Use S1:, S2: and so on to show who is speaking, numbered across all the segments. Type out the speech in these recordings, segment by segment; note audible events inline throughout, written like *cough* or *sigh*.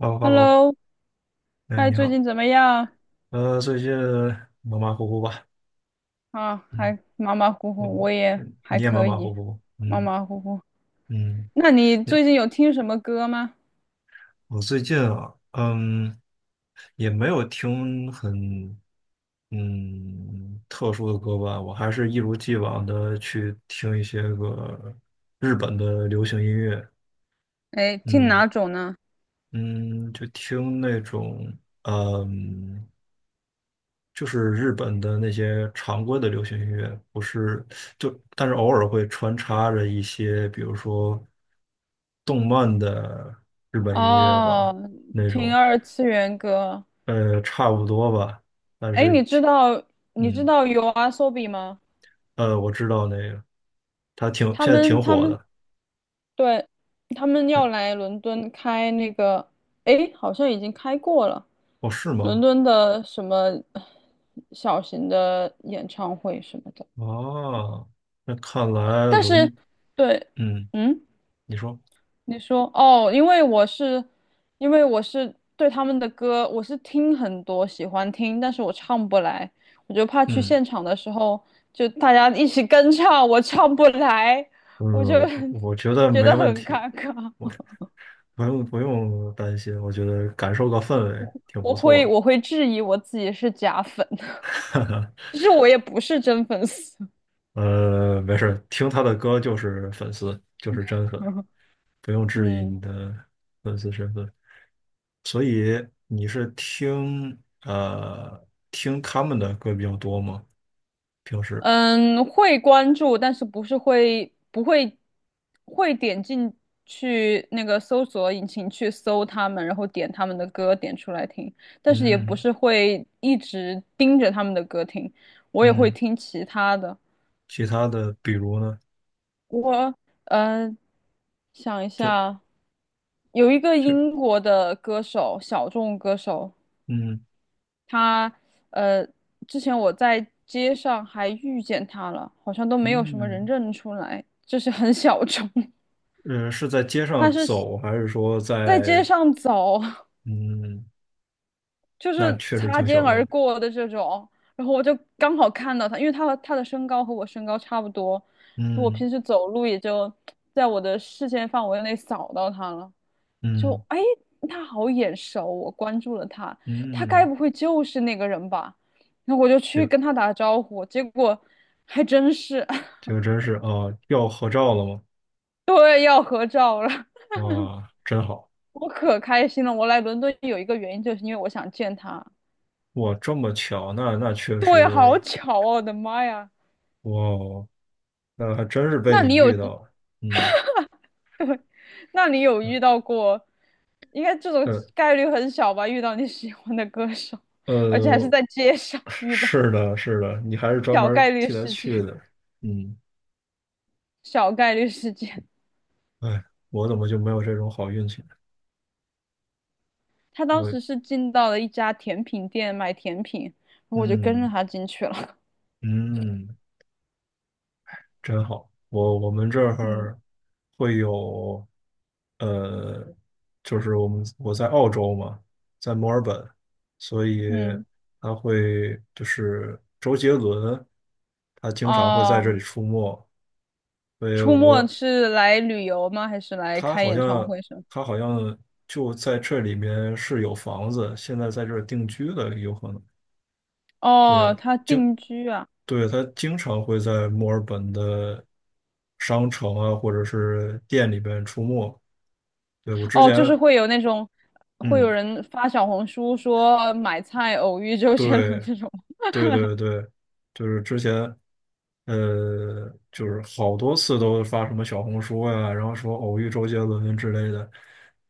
S1: h e l l o h e l l o
S2: Hello，
S1: 哎，
S2: 哎，
S1: 你
S2: 最
S1: 好，
S2: 近怎么样？
S1: 最近马马虎虎吧，
S2: 啊，
S1: 嗯，
S2: 还马马虎虎，我也还
S1: 你也马
S2: 可
S1: 马
S2: 以，
S1: 虎虎，
S2: 马
S1: 嗯
S2: 马虎虎。
S1: 嗯，
S2: 那你
S1: 也
S2: 最近有听什么歌吗？
S1: 我最近啊，嗯，也没有听很，特殊的歌吧，我还是一如既往的去听一些个日本的流行音乐，
S2: 哎，听
S1: 嗯
S2: 哪种呢？
S1: 嗯，就听那种，嗯。就是日本的那些常规的流行音乐，不是但是偶尔会穿插着一些，比如说动漫的日本音乐吧，
S2: 哦，
S1: 那
S2: 听
S1: 种，
S2: 二次元歌。
S1: 差不多吧，但
S2: 哎，
S1: 是
S2: 你知
S1: 挺，
S2: 道你知
S1: 嗯，
S2: 道 YOASOBI 吗？
S1: 我知道那个，他
S2: 他
S1: 现在
S2: 们
S1: 挺
S2: 他
S1: 火
S2: 们
S1: 的，
S2: 对，他们要来伦敦开那个，哎，好像已经开过了，
S1: 哦，是
S2: 伦
S1: 吗？
S2: 敦的什么小型的演唱会什么的。
S1: 啊，那看来
S2: 但是，
S1: 伦，
S2: 对，
S1: 嗯，
S2: 嗯，
S1: 你说，
S2: 你说哦，因为我是，因为我是对他们的歌，我是听很多，喜欢听，但是我唱不来，我就怕去
S1: 嗯
S2: 现场的时候，就大家一起跟唱，我唱不来，我就
S1: 嗯，我我觉得
S2: *laughs* 觉
S1: 没
S2: 得
S1: 问
S2: 很
S1: 题。
S2: 尴尬，
S1: 我不用不用担心，我觉得感受个氛围挺不
S2: 我
S1: 错
S2: 会
S1: 的。
S2: 我会质疑我自己是假粉，
S1: *laughs*
S2: *laughs* 其实我也不是真粉丝，
S1: 没事儿，听他的歌就是粉丝，就是真粉，
S2: *laughs*
S1: 不用质疑
S2: 嗯。
S1: 你的粉丝身份。所以你是听他们的歌比较多吗？平时？
S2: 嗯，会关注，但是不是会不会会点进去那个搜索引擎去搜他们，然后点他们的歌点出来听，但是也不
S1: 嗯
S2: 是会一直盯着他们的歌听，我也会
S1: 嗯，
S2: 听其他的。
S1: 其他的比如呢？
S2: 我呃想一
S1: 就
S2: 下，有一个
S1: 是
S2: 英国的歌手，小众歌手，
S1: 嗯
S2: 他呃，之前我在街上还遇见他了，好像都没有什么人
S1: 嗯
S2: 认出来，就是很小众。*laughs*
S1: 是在街
S2: 他
S1: 上
S2: 是
S1: 走，还是说
S2: 在
S1: 在
S2: 街上走，
S1: 嗯，
S2: 就
S1: 那
S2: 是
S1: 确实
S2: 擦
S1: 挺
S2: 肩
S1: 小
S2: 而
S1: 众。
S2: 过的这种，然后我就刚好看到他，因为他和他的身高和我身高差不多，我
S1: 嗯。
S2: 平时走路也就在我的视线范围内扫到他了。就
S1: 嗯
S2: 哎，他好眼熟，我关注了他，他该
S1: 嗯，
S2: 不会就是那个人吧？那我就去
S1: 就
S2: 跟他打招呼，结果还真是，*laughs*
S1: 就真是啊，要合照了吗？
S2: 对，要合照了，
S1: 哇，真好！
S2: 我可开心了。我来伦敦有一个原因，就是因为我想见他。
S1: 哇，这么巧，那确
S2: 对，好
S1: 实，
S2: 巧哦，我的妈呀！
S1: 哇哦，那还真是被
S2: 那
S1: 你
S2: 你有，
S1: 遇到了。嗯，
S2: 那你有遇到过？应该这种
S1: 呃
S2: 概率很小吧？遇到你喜欢的歌手，而且还是
S1: 呃，
S2: 在街上遇到，
S1: 是的，是的，你还是专
S2: 小
S1: 门
S2: 概率
S1: 替他
S2: 事
S1: 去
S2: 件，
S1: 的。嗯，
S2: 小概率事件。
S1: 哎，我怎么就没有这种好运气呢？
S2: 他当
S1: 我，
S2: 时是进到了一家甜品店买甜品，然后我就跟着
S1: 嗯
S2: 他进去了。*laughs*
S1: 嗯。真好。我们这
S2: 嗯
S1: 儿会有，呃，就是我在澳洲嘛，在墨尔本，所以
S2: 嗯，
S1: 就是周杰伦，他经常会在这里
S2: 哦，
S1: 出没。所以
S2: 出没
S1: 我
S2: 是来旅游吗？还是来
S1: 他
S2: 开
S1: 好
S2: 演唱
S1: 像
S2: 会什么？
S1: 他好像就在这里面是有房子，现在在这儿定居的有可能。
S2: 哦，
S1: 对
S2: 他定居啊。
S1: 对，他经常会在墨尔本的商城啊，或者是店里边出没。对，我之
S2: 哦，
S1: 前，
S2: 就是会有那种，会有
S1: 嗯，
S2: 人发小红书说买菜偶遇周杰伦
S1: 对，
S2: 这种。
S1: 对对对，就是之前，就是好多次都发什么小红书呀、然后说偶遇周杰伦之类的。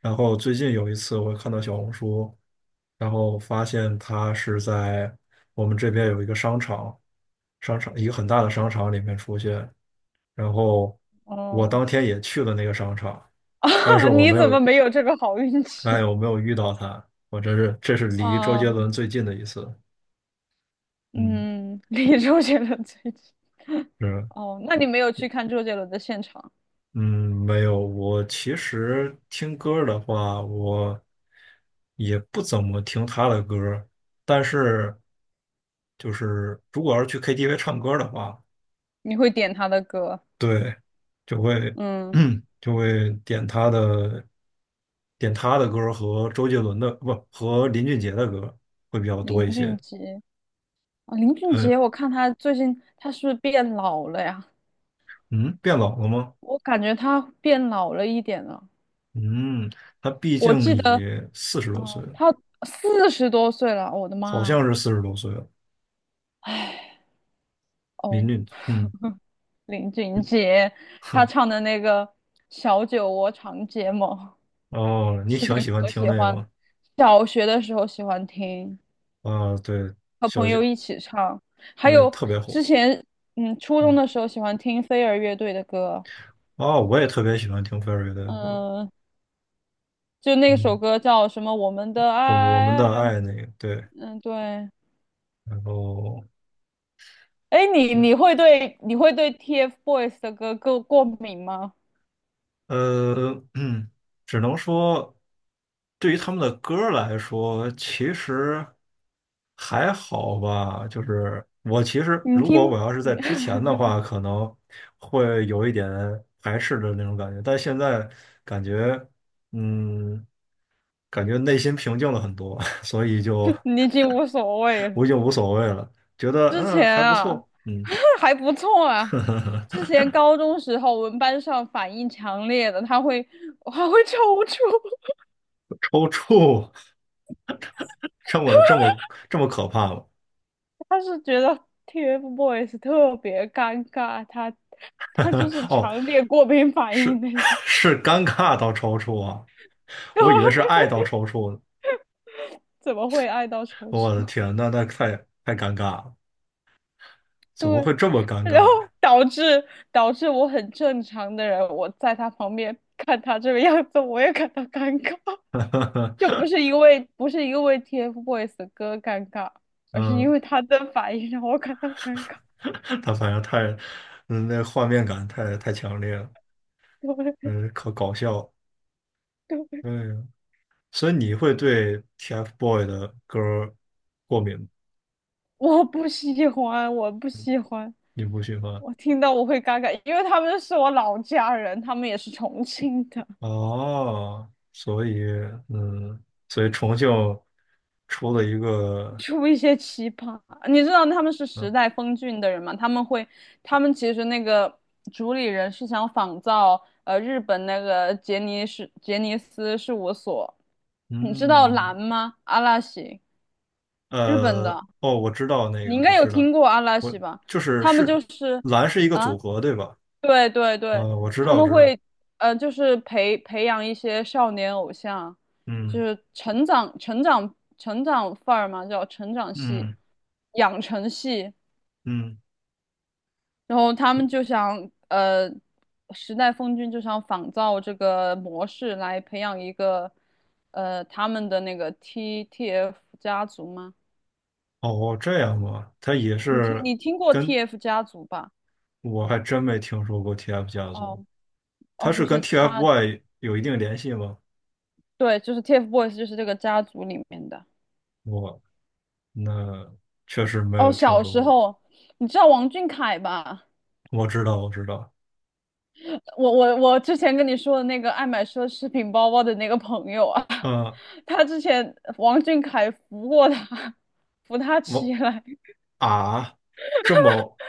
S1: 然后最近有一次，我看到小红书，然后发现他是在我们这边有一个商场，一个很大的商场里面出现。然后我
S2: 哦，
S1: 当天也去了那个商场，
S2: *laughs*
S1: 但是
S2: 啊，
S1: 我
S2: 你
S1: 没
S2: 怎
S1: 有，
S2: 么没有这个好运
S1: 哎，
S2: 气？
S1: 我没有遇到他。我真是，这是离周杰
S2: 哦，
S1: 伦最近的一次。嗯，
S2: 嗯，*laughs* 离周杰伦最近。
S1: 是，
S2: *laughs* 哦，那你没有去看周杰伦的现场？
S1: 嗯，没有。我其实听歌儿的话，我也不怎么听他的歌儿但是就是如果要是去 KTV 唱歌儿的话，
S2: 你会点他的歌，
S1: 对，就会
S2: 嗯，
S1: *clears throat* 就会点他的歌儿和周杰伦的，不，和林俊杰的歌儿会比较多
S2: 林
S1: 一
S2: 俊
S1: 些。
S2: 杰啊，林俊
S1: 嗯
S2: 杰，我看他最近他是不是变老了呀？
S1: 嗯，变老了吗？
S2: 我感觉他变老了一点了。
S1: 嗯，他毕
S2: 我
S1: 竟
S2: 记得，
S1: 也四十
S2: 嗯，
S1: 多岁了，
S2: 他四十多岁了，我的
S1: 好
S2: 妈！
S1: 像是四十多岁了。
S2: 哦，
S1: 嗯，
S2: 林俊
S1: *laughs*
S2: 杰，他
S1: 哼，
S2: 唱的那个《小酒窝长睫毛》，
S1: 哦，你
S2: 之
S1: 挺
S2: 前
S1: 喜欢
S2: 可
S1: 听
S2: 喜
S1: 那个
S2: 欢，
S1: 吗？
S2: 小学的时候喜欢听，
S1: 啊，对，
S2: 和
S1: 小
S2: 朋友
S1: 姐
S2: 一起唱，还
S1: 那
S2: 有
S1: 特别火，
S2: 之前，嗯，初中
S1: 嗯，
S2: 的时候喜欢听飞儿乐队的歌。
S1: 哦，我也特别喜欢听 Ferry 的歌，
S2: 嗯，就那首
S1: 嗯，
S2: 歌叫什么？我们的
S1: 我们
S2: 爱，
S1: 的爱那个，对，
S2: 嗯，对。
S1: 然后
S2: 哎，你会对 TFBOYS 的歌过敏吗？
S1: *clears throat* 嗯，只能说，对于他们的歌儿来说，其实还好吧。就是我其实，
S2: 你
S1: 如果
S2: 听，
S1: 我要是在之前的话，可能会有一点排斥的那种感觉，但现在感觉，嗯，感觉内心平静了很多，*laughs* 所以就
S2: *laughs* 你已经无所谓
S1: 我已
S2: 了。
S1: 经无所谓了，觉得
S2: 之前
S1: 还不
S2: 啊，
S1: 错，嗯。
S2: *laughs* 还不错啊。之
S1: *laughs*
S2: 前高中时候，我们班上反应强烈的，他会还会抽搐，
S1: 抽搐，*laughs* 这么这么这么可怕吗？
S2: *laughs* 他是觉得 TFBOYS 特别尴尬，他
S1: *laughs*
S2: 他就是
S1: 哦，
S2: 强烈过敏反应
S1: 是
S2: 那种。
S1: *laughs* 是尴尬到抽搐啊！
S2: *laughs*
S1: 我以为是
S2: 对
S1: 爱到抽搐呢。
S2: 怎么会爱到抽
S1: 我的
S2: 搐？
S1: 天，那太太尴尬了，怎么
S2: 对。
S1: 会这么尴尬
S2: 然后
S1: 呀？
S2: 导致导致我很正常的人，我在他旁边看他这个样子，我也感到尴尬，就不是
S1: *laughs*
S2: 因为不是因为 TFBOYS 的歌尴尬，而是因
S1: 嗯，
S2: 为他的反应让我感到尴尬。
S1: 他反正太，那画面感太太强烈了，
S2: 对
S1: 嗯，可搞笑了。
S2: 对，
S1: 嗯，所以你会对 TFBOY 的歌儿过敏吗，
S2: 我不喜欢，
S1: 你不喜欢？
S2: 我听到我会尴尬，因为他们是我老家人，他们也是重庆的。
S1: 哦，所以，嗯，所以重庆出了一个，
S2: 出一些奇葩。你知道他们是时
S1: 嗯
S2: 代峰峻的人吗？他们会，他们其实那个主理人是想仿造日本那个杰尼斯事务所，你知道
S1: 嗯。
S2: 蓝吗？阿拉西，日本
S1: 呃，
S2: 的，
S1: 哦，我知道那
S2: 你应
S1: 个，我
S2: 该有
S1: 知道，
S2: 听过阿拉
S1: 我
S2: 西吧？
S1: 就是
S2: 他们
S1: 是
S2: 就是。
S1: 蓝是一个
S2: 啊，
S1: 组合，对吧？
S2: 对，
S1: 我知
S2: 他
S1: 道，
S2: 们
S1: 知道，
S2: 会，就是培养一些少年偶像，就
S1: 嗯
S2: 是成长范儿嘛，叫成长系、
S1: 嗯
S2: 养成系。
S1: 嗯，
S2: 然后他们就想，时代峰峻就想仿造这个模式来培养一个，呃，他们的那个 TF 家族吗？
S1: 哦，这样吗？它也
S2: 你听
S1: 是
S2: 你听过
S1: 跟
S2: TF 家族吧？
S1: 我还真没听说过 TF 家族，
S2: 哦
S1: 它
S2: 哦，
S1: 是
S2: 就
S1: 跟
S2: 是他，
S1: TFBOY 有一定联系吗？
S2: 对，就是 TFBOYS，就是这个家族里面的。
S1: 我那确实没
S2: 哦，
S1: 有听
S2: 小
S1: 说
S2: 时
S1: 过。
S2: 候，你知道王俊凯吧？
S1: 我知道，我知道，
S2: 我之前跟你说的那个爱买奢侈品包包的那个朋友啊，
S1: 嗯，
S2: *laughs* 他之前王俊凯扶过他，扶他起
S1: 我
S2: 来。
S1: 啊，这么，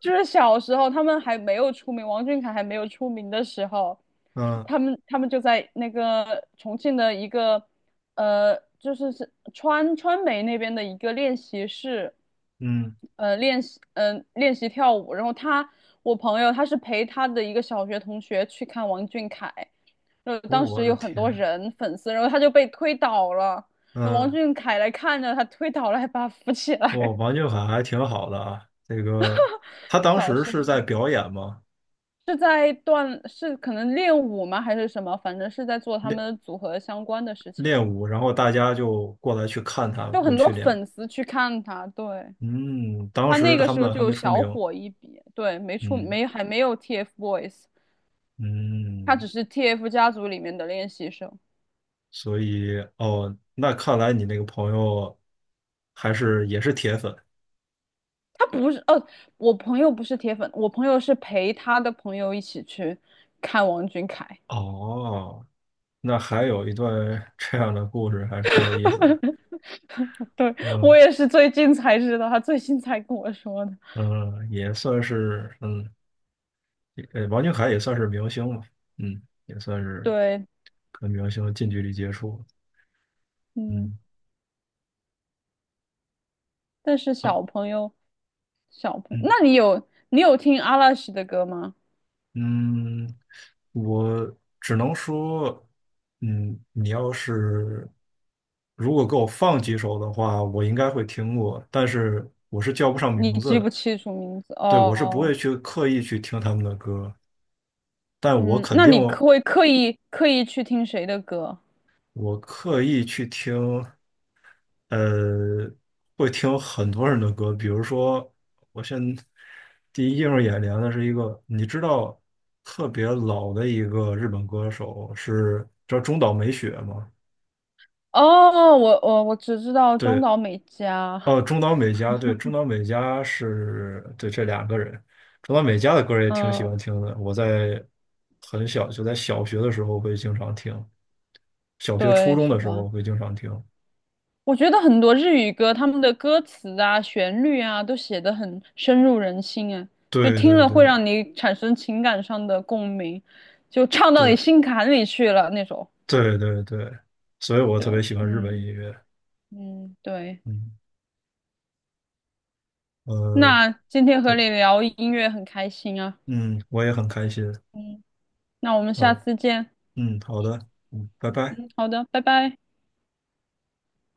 S2: 就是小时候他们还没有出名，王俊凯还没有出名的时候，
S1: 嗯
S2: 他们就在那个重庆的一个就是是川美那边的一个练习室，
S1: 嗯，
S2: 练习跳舞。然后他我朋友他是陪他的一个小学同学去看王俊凯，然后当
S1: 我
S2: 时
S1: 的
S2: 有很多
S1: 天，
S2: 人粉丝，然后他就被推倒了，然后王
S1: 嗯。
S2: 俊凯来看着他推倒了，还把他扶起
S1: 哇，
S2: 来。*laughs*
S1: 王俊凯还挺好的啊。他当
S2: 小
S1: 时
S2: 时
S1: 是在表演嘛，
S2: 是在锻，是可能练舞吗？还是什么？反正是在做他
S1: 练
S2: 们组合相关的事情，
S1: 练舞，然后大家就过来去看他
S2: 就
S1: 们
S2: 很
S1: 去
S2: 多
S1: 练舞
S2: 粉丝去看他，对，
S1: 嗯，当
S2: 他
S1: 时
S2: 那个
S1: 他
S2: 时候
S1: 们
S2: 就
S1: 还
S2: 有
S1: 没出
S2: 小
S1: 名。
S2: 火一笔，对，没出
S1: 嗯
S2: 没还没有 TFBOYS，他
S1: 嗯，
S2: 只是 TF 家族里面的练习生，
S1: 所以哦，那看来你那个朋友也是铁粉
S2: 他不是，哦，我朋友不是铁粉，我朋友是陪他的朋友一起去看王俊凯，
S1: 哦。那还有一段 *laughs* 这样的故事，还挺有意思的。
S2: *laughs* 对，
S1: 嗯
S2: 我也是最近才知道，他最近才跟我说的，
S1: 嗯，也算是嗯。王俊凯也算是明星嘛，嗯，也算是
S2: 对，
S1: 跟明星近距离接触，
S2: 嗯，
S1: 嗯，
S2: 但是
S1: 啊，
S2: 小朋友。小朋友，
S1: 嗯
S2: 那你有听阿拉西的歌吗？
S1: 嗯，我只能说，嗯，你要是如果给我放几首的话，我应该会听过，但是我是叫不上
S2: 你
S1: 名字
S2: 记不
S1: 的，
S2: 清楚名字
S1: 对，我是不会
S2: 哦，
S1: 去刻意去听他们的歌，但我
S2: 嗯，
S1: 肯
S2: 那
S1: 定
S2: 你可会刻意去听谁的歌？
S1: 我刻意去听。呃，会听很多人的歌，比如说，我现在第一映入眼帘的是一个，你知道特别老的一个日本歌手是叫中岛美雪吗？
S2: 哦，我只知道中
S1: 对，
S2: 岛美嘉，
S1: 哦，中岛美嘉，对，中岛美嘉是对这两个人，中岛美嘉的歌也挺喜欢
S2: 嗯，
S1: 听的，我在很小就在小学的时候会经常听，小学初
S2: 对，
S1: 中
S2: 是
S1: 的时候
S2: 吧？
S1: 会经常听，
S2: 我觉得很多日语歌，他们的歌词啊、旋律啊，都写得很深入人心啊，就
S1: 对
S2: 听
S1: 对
S2: 了会
S1: 对
S2: 让你产生情感上的共鸣，就唱到你
S1: 对
S2: 心坎里去了那种。
S1: 对对对，所以我特别
S2: 就
S1: 喜欢日本音
S2: 嗯
S1: 乐。
S2: 嗯，对。
S1: 嗯，呃，
S2: 那今天和
S1: 对
S2: 你聊音乐很开心啊，
S1: 嗯，我也很开心。
S2: 嗯，那我们
S1: 啊，
S2: 下次见，
S1: 嗯，好的，嗯，拜拜。
S2: 嗯，好的，拜拜。